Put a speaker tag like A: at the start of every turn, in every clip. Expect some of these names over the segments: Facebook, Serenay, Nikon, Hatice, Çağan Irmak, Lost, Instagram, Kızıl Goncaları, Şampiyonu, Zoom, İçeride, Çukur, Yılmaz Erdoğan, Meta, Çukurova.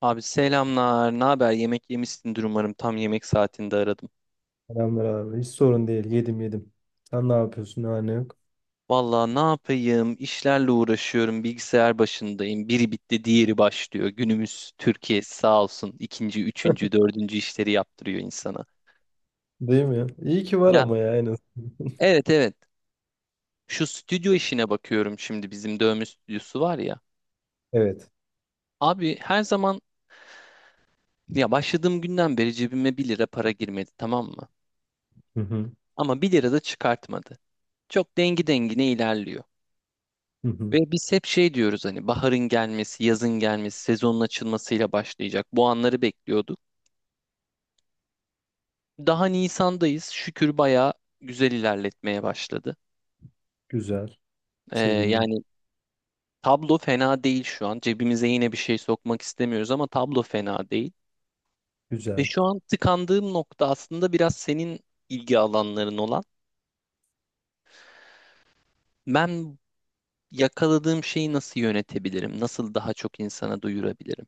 A: Abi selamlar. Ne haber? Yemek yemişsindir umarım. Tam yemek saatinde aradım.
B: Selamlar abi. Hiç sorun değil. Yedim yedim. Sen ne yapıyorsun? Ne var ne yok?
A: Vallahi ne yapayım? İşlerle uğraşıyorum. Bilgisayar başındayım. Biri bitti, diğeri başlıyor. Günümüz Türkiye sağ olsun. İkinci, üçüncü, dördüncü işleri yaptırıyor insana.
B: Değil mi? İyi ki var
A: Ya,
B: ama ya en az.
A: evet, evet. Şu stüdyo işine bakıyorum şimdi. Bizim dövme stüdyosu var ya.
B: Evet.
A: Abi, her zaman ya, başladığım günden beri cebime bir lira para girmedi, tamam mı?
B: Hı hı.
A: Ama bir lira da çıkartmadı. Çok dengi dengine ilerliyor.
B: Hı hı.
A: Ve biz hep şey diyoruz, hani baharın gelmesi, yazın gelmesi, sezonun açılmasıyla başlayacak. Bu anları bekliyorduk. Daha Nisan'dayız. Şükür bayağı güzel ilerletmeye başladı.
B: Güzel. Sevindim.
A: Yani tablo fena değil şu an. Cebimize yine bir şey sokmak istemiyoruz ama tablo fena değil. Ve
B: Güzel.
A: şu an tıkandığım nokta aslında biraz senin ilgi alanların olan. Ben yakaladığım şeyi nasıl yönetebilirim? Nasıl daha çok insana duyurabilirim?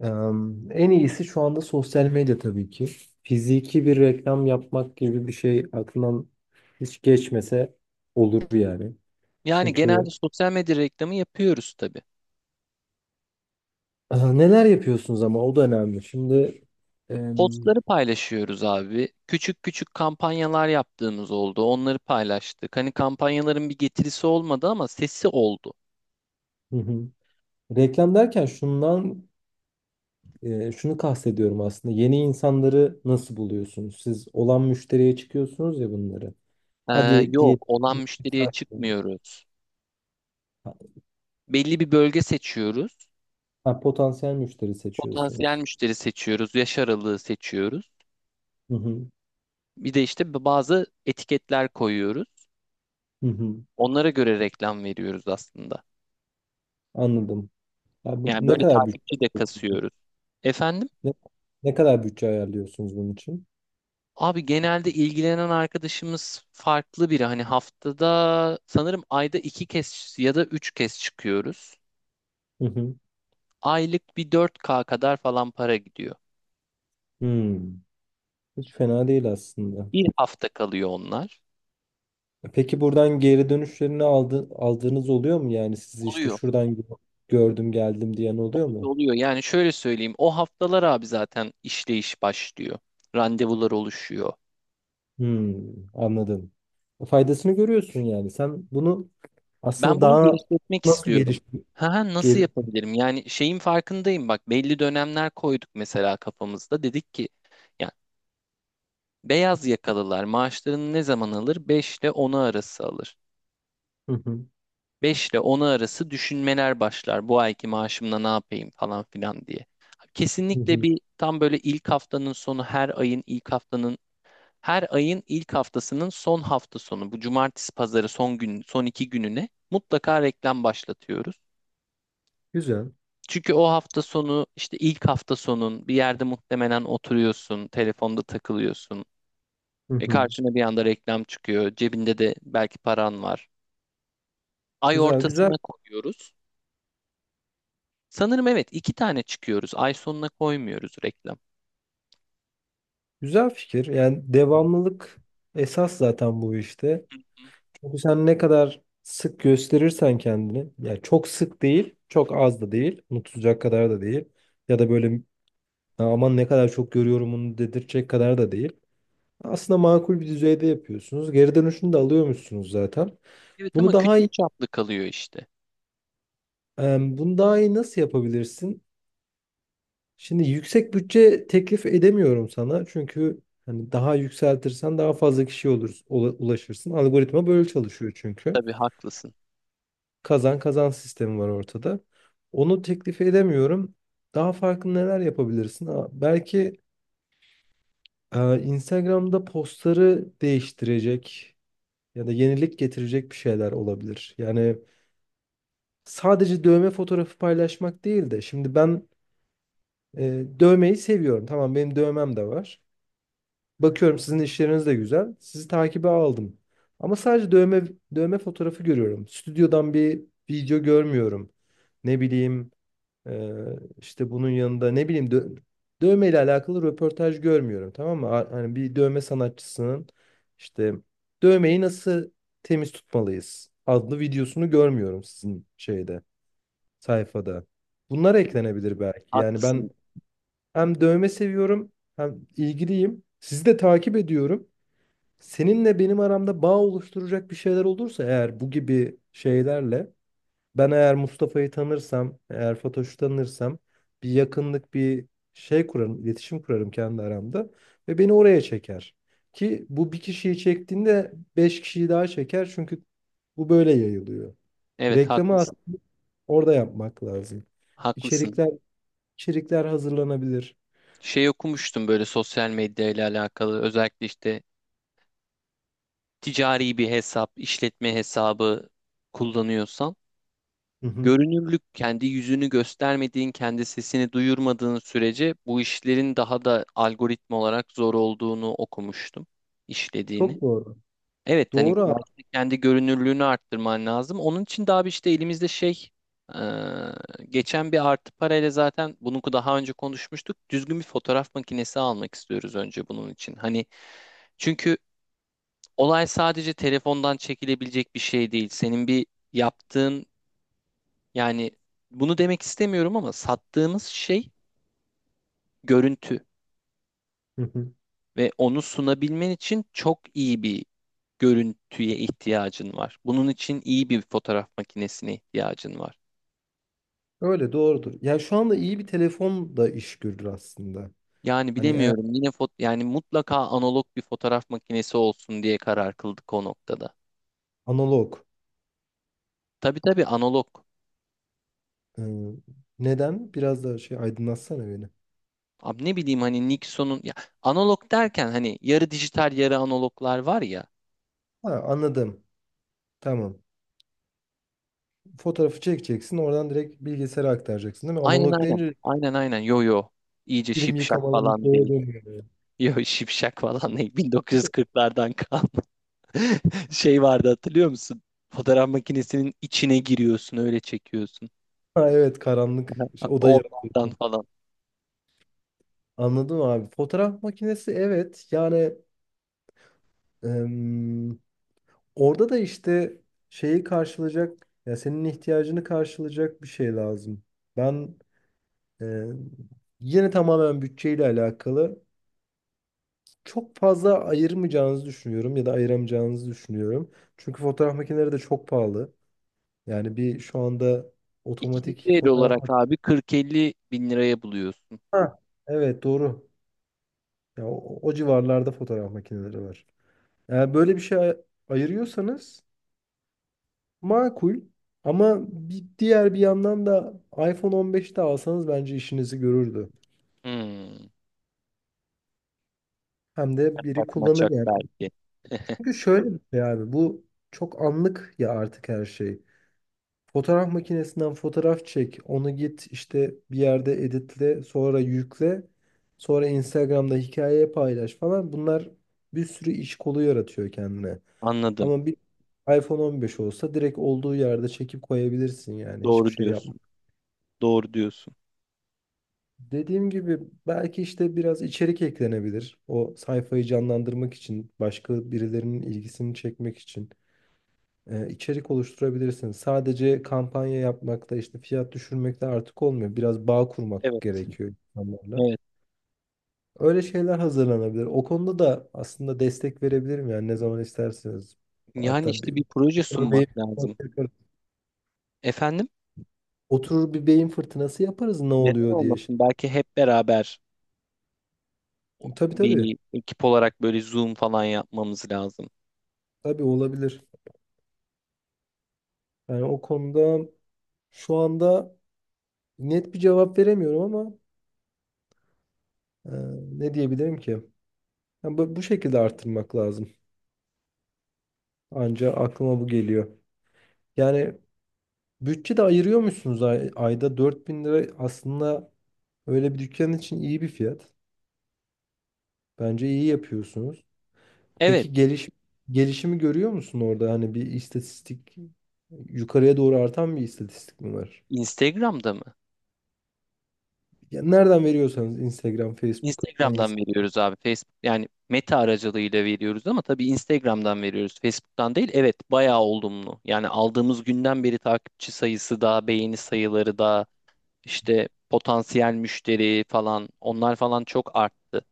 B: En iyisi şu anda sosyal medya tabii ki. Fiziki bir reklam yapmak gibi bir şey aklından hiç geçmese olur yani.
A: Yani genelde
B: Çünkü
A: sosyal medya reklamı yapıyoruz tabii.
B: neler yapıyorsunuz ama o da önemli. Şimdi em,
A: Postları paylaşıyoruz abi. Küçük küçük kampanyalar yaptığımız oldu. Onları paylaştık. Hani kampanyaların bir getirisi olmadı ama sesi oldu.
B: hı hı. reklam derken şundan şunu kastediyorum aslında. Yeni insanları nasıl buluyorsunuz? Siz olan müşteriye çıkıyorsunuz ya bunları.
A: Ee,
B: Hadi
A: Yok,
B: diye
A: olan müşteriye çıkmıyoruz. Belli bir bölge seçiyoruz.
B: ha, potansiyel müşteri
A: Potansiyel
B: seçiyorsunuz.
A: müşteri seçiyoruz. Yaş aralığı seçiyoruz.
B: Hı hı,
A: Bir de işte bazı etiketler koyuyoruz.
B: hı hı.
A: Onlara göre reklam veriyoruz aslında.
B: Anladım. Ya bu,
A: Yani
B: ne
A: böyle
B: kadar bütçe
A: takipçi de kasıyoruz. Efendim?
B: ne, ne kadar bütçe ayarlıyorsunuz bunun için?
A: Abi genelde ilgilenen arkadaşımız farklı biri. Hani haftada sanırım ayda iki kez ya da üç kez çıkıyoruz.
B: Hı hı.
A: Aylık bir 4K kadar falan para gidiyor.
B: Hmm. Hiç fena değil aslında.
A: Bir hafta kalıyor onlar.
B: Peki buradan geri dönüşlerini aldığınız oluyor mu? Yani sizi işte
A: Oluyor,
B: şuradan gördüm geldim diyen oluyor
A: oluyor,
B: mu?
A: oluyor. Yani şöyle söyleyeyim, o haftalar abi zaten işleyiş başlıyor. Randevular oluşuyor.
B: Hmm, anladım. Faydasını görüyorsun yani. Sen bunu
A: Ben
B: aslında
A: bunu
B: daha
A: genişletmek
B: nasıl
A: istiyorum.
B: geliştir
A: Ha, ha, nasıl
B: gel.
A: yapabilirim? Yani şeyin farkındayım, bak belli dönemler koyduk mesela kafamızda. Dedik ki ya, beyaz yakalılar maaşlarını ne zaman alır? 5 ile onu arası alır.
B: Hı hı,
A: 5 ile onu arası düşünmeler başlar. Bu ayki maaşımla ne yapayım falan filan diye.
B: hı hı.
A: Kesinlikle bir tam böyle ilk haftanın sonu, her ayın ilk haftasının son hafta sonu, bu cumartesi pazarı son gün son iki gününe mutlaka reklam başlatıyoruz.
B: Güzel.
A: Çünkü o hafta sonu işte ilk hafta sonun bir yerde muhtemelen oturuyorsun, telefonda takılıyorsun.
B: Hı
A: E,
B: hı.
A: karşına bir anda reklam çıkıyor. Cebinde de belki paran var. Ay
B: Güzel, güzel,
A: ortasına koyuyoruz. Sanırım evet iki tane çıkıyoruz. Ay sonuna koymuyoruz reklam.
B: güzel fikir. Yani devamlılık esas zaten bu işte.
A: Hı.
B: Çünkü sen ne kadar sık gösterirsen kendini, yani çok sık değil, çok az da değil, unutulacak kadar da değil ya da böyle, "Ya aman ne kadar çok görüyorum" onu dedirtecek kadar da değil. Aslında makul bir düzeyde yapıyorsunuz. Geri dönüşünü de alıyormuşsunuz zaten.
A: Evet
B: Bunu
A: ama
B: daha iyi,
A: küçük çaplı kalıyor işte.
B: bunu daha iyi nasıl yapabilirsin? Şimdi yüksek bütçe teklif edemiyorum sana. Çünkü hani daha yükseltirsen daha fazla kişiye olur, ulaşırsın. Algoritma böyle çalışıyor çünkü.
A: Tabii haklısın.
B: Kazan kazan sistemi var ortada. Onu teklif edemiyorum. Daha farklı neler yapabilirsin? Belki Instagram'da postları değiştirecek ya da yenilik getirecek bir şeyler olabilir. Yani sadece dövme fotoğrafı paylaşmak değil de şimdi ben dövmeyi seviyorum. Tamam benim dövmem de var. Bakıyorum sizin işleriniz de güzel. Sizi takibe aldım. Ama sadece dövme fotoğrafı görüyorum. Stüdyodan bir video görmüyorum. Ne bileyim e, işte bunun yanında ne bileyim dövmeyle alakalı röportaj görmüyorum. Tamam mı? Hani bir dövme sanatçısının işte "dövmeyi nasıl temiz tutmalıyız" adlı videosunu görmüyorum sizin şeyde, sayfada. Bunlar eklenebilir belki. Yani ben
A: Haklısın.
B: hem dövme seviyorum hem ilgiliyim. Sizi de takip ediyorum. Seninle benim aramda bağ oluşturacak bir şeyler olursa eğer, bu gibi şeylerle ben, eğer Mustafa'yı tanırsam, eğer Fatoş'u tanırsam, bir yakınlık, bir şey kurarım, iletişim kurarım kendi aramda ve beni oraya çeker. Ki bu bir kişiyi çektiğinde beş kişiyi daha çeker, çünkü bu böyle yayılıyor.
A: Evet
B: Reklamı
A: haklısın.
B: aslında orada yapmak lazım.
A: Haklısın.
B: İçerikler içerikler hazırlanabilir.
A: Şey okumuştum, böyle sosyal medya ile alakalı, özellikle işte ticari bir hesap, işletme hesabı kullanıyorsan
B: Hı hı.
A: görünürlük, kendi yüzünü göstermediğin, kendi sesini duyurmadığın sürece bu işlerin daha da algoritma olarak zor olduğunu okumuştum, işlediğini.
B: Çok doğru.
A: Evet, hani
B: Doğru abi.
A: belki de kendi görünürlüğünü arttırman lazım. Onun için daha bir işte elimizde şey, e, geçen bir artı parayla zaten bunu daha önce konuşmuştuk. Düzgün bir fotoğraf makinesi almak istiyoruz önce bunun için. Hani çünkü olay sadece telefondan çekilebilecek bir şey değil. Senin bir yaptığın yani bunu demek istemiyorum ama sattığımız şey görüntü
B: Hı hı.
A: ve onu sunabilmen için çok iyi bir görüntüye ihtiyacın var. Bunun için iyi bir fotoğraf makinesine ihtiyacın var.
B: Öyle doğrudur. Yani şu anda iyi bir telefon da iş görür aslında.
A: Yani
B: Hani eğer
A: bilemiyorum, yine yani mutlaka analog bir fotoğraf makinesi olsun diye karar kıldık o noktada.
B: analog.
A: Tabii tabii analog.
B: e, neden? Biraz daha şey aydınlatsana beni.
A: Abi ne bileyim hani Nikon'un ya, analog derken hani yarı dijital yarı analoglar var ya.
B: Ha, anladım. Tamam. Fotoğrafı çekeceksin. Oradan direkt bilgisayara aktaracaksın değil mi?
A: Aynen
B: Analog
A: aynen.
B: deyince
A: Aynen aynen. Yo yo. İyice
B: film
A: şipşak
B: yıkamalı bir
A: falan
B: şeye
A: değil.
B: dönüyor. Yani.
A: Yo, şipşak falan değil. 1940'lardan kalma. Şey vardı hatırlıyor musun? Fotoğraf makinesinin içine giriyorsun öyle çekiyorsun.
B: Ha, evet karanlık
A: Aha.
B: şey, odayı.
A: Onlardan falan.
B: Anladım abi. Fotoğraf makinesi evet. Yani orada da işte şeyi karşılayacak, ya senin ihtiyacını karşılayacak bir şey lazım. Ben e, yine tamamen bütçeyle alakalı çok fazla ayırmayacağınızı düşünüyorum ya da ayıramayacağınızı düşünüyorum. Çünkü fotoğraf makineleri de çok pahalı. Yani bir şu anda
A: İkinci
B: otomatik
A: el
B: fotoğraf
A: olarak abi
B: makinesi.
A: 40-50 bin liraya buluyorsun.
B: Ha, evet doğru. Ya, o civarlarda fotoğraf makineleri var. Eğer böyle bir şey ayırıyorsanız, makul. Ama bir diğer bir yandan da iPhone 15'te alsanız bence işinizi görürdü.
A: Hmm.
B: Hem de biri
A: Maçak
B: kullanır
A: maçak
B: yani.
A: belki.
B: Çünkü şöyle bir şey abi, bu çok anlık ya artık her şey. Fotoğraf makinesinden fotoğraf çek, onu git işte bir yerde editle, sonra yükle, sonra Instagram'da hikayeye paylaş falan. Bunlar bir sürü iş kolu yaratıyor kendine.
A: Anladım.
B: Ama bir iPhone 15 olsa direkt olduğu yerde çekip koyabilirsin, yani hiçbir
A: Doğru
B: şey yapma.
A: diyorsun. Doğru diyorsun.
B: Dediğim gibi belki işte biraz içerik eklenebilir. O sayfayı canlandırmak için, başka birilerinin ilgisini çekmek için içerik oluşturabilirsiniz. Sadece kampanya yapmakta, işte fiyat düşürmekte artık olmuyor. Biraz bağ kurmak
A: Evet.
B: gerekiyor insanlarla.
A: Evet.
B: Öyle şeyler hazırlanabilir. O konuda da aslında destek verebilirim, yani ne zaman isterseniz.
A: Yani
B: Hatta bir,
A: işte bir proje
B: örneğin,
A: sunmak lazım. Efendim?
B: oturur bir beyin fırtınası yaparız ne
A: Neden
B: oluyor diye.
A: olmasın? Belki hep beraber
B: Tabii tabii.
A: bir ekip olarak böyle Zoom falan yapmamız lazım.
B: Tabii olabilir. Yani o konuda şu anda net bir cevap veremiyorum ama e, ne diyebilirim ki? Yani bu şekilde arttırmak lazım. Anca aklıma bu geliyor. Yani bütçe de ayırıyor musunuz? Ay ayda 4.000 lira aslında öyle bir dükkan için iyi bir fiyat. Bence iyi yapıyorsunuz.
A: Evet.
B: Peki gelişimi görüyor musun orada? Hani bir istatistik, yukarıya doğru artan bir istatistik mi var?
A: Instagram'da mı?
B: Ya nereden veriyorsanız, Instagram, Facebook
A: Instagram'dan
B: hangisi?
A: veriyoruz abi. Facebook yani Meta aracılığıyla veriyoruz ama tabii Instagram'dan veriyoruz. Facebook'tan değil. Evet, bayağı olumlu. Yani aldığımız günden beri takipçi sayısı da, beğeni sayıları da, işte potansiyel müşteri falan onlar falan çok arttı.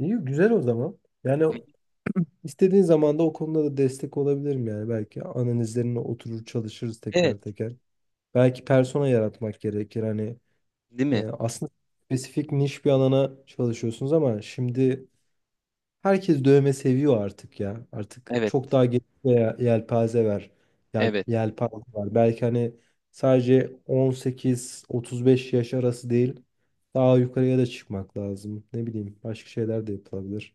B: İyi, güzel o zaman. Yani İstediğin zaman da o konuda da destek olabilirim yani. Belki analizlerine oturur çalışırız teker
A: Evet,
B: teker. Belki persona yaratmak gerekir. Hani
A: değil mi?
B: aslında spesifik, niş bir alana çalışıyorsunuz ama şimdi herkes dövme seviyor artık ya. Artık
A: Evet,
B: çok daha geniş bir yelpaze var. Yel,
A: evet.
B: yelpaze var. Belki hani sadece 18-35 yaş arası değil. Daha yukarıya da çıkmak lazım. Ne bileyim, başka şeyler de yapılabilir.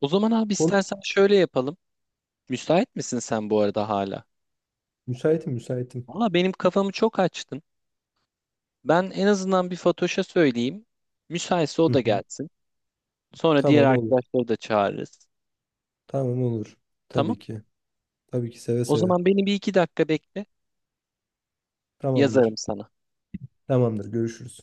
A: O zaman abi
B: Konu
A: istersen şöyle yapalım. Müsait misin sen bu arada hala?
B: müsaitim, müsaitim.
A: Valla benim kafamı çok açtın. Ben en azından bir Fatoş'a söyleyeyim. Müsaitse o
B: Hı hı.
A: da gelsin. Sonra diğer
B: Tamam, olur.
A: arkadaşları da çağırırız.
B: Tamam, olur.
A: Tamam.
B: Tabii ki. Tabii ki, seve
A: O
B: seve.
A: zaman beni bir iki dakika bekle. Yazarım
B: Tamamdır.
A: sana.
B: Tamamdır. Görüşürüz.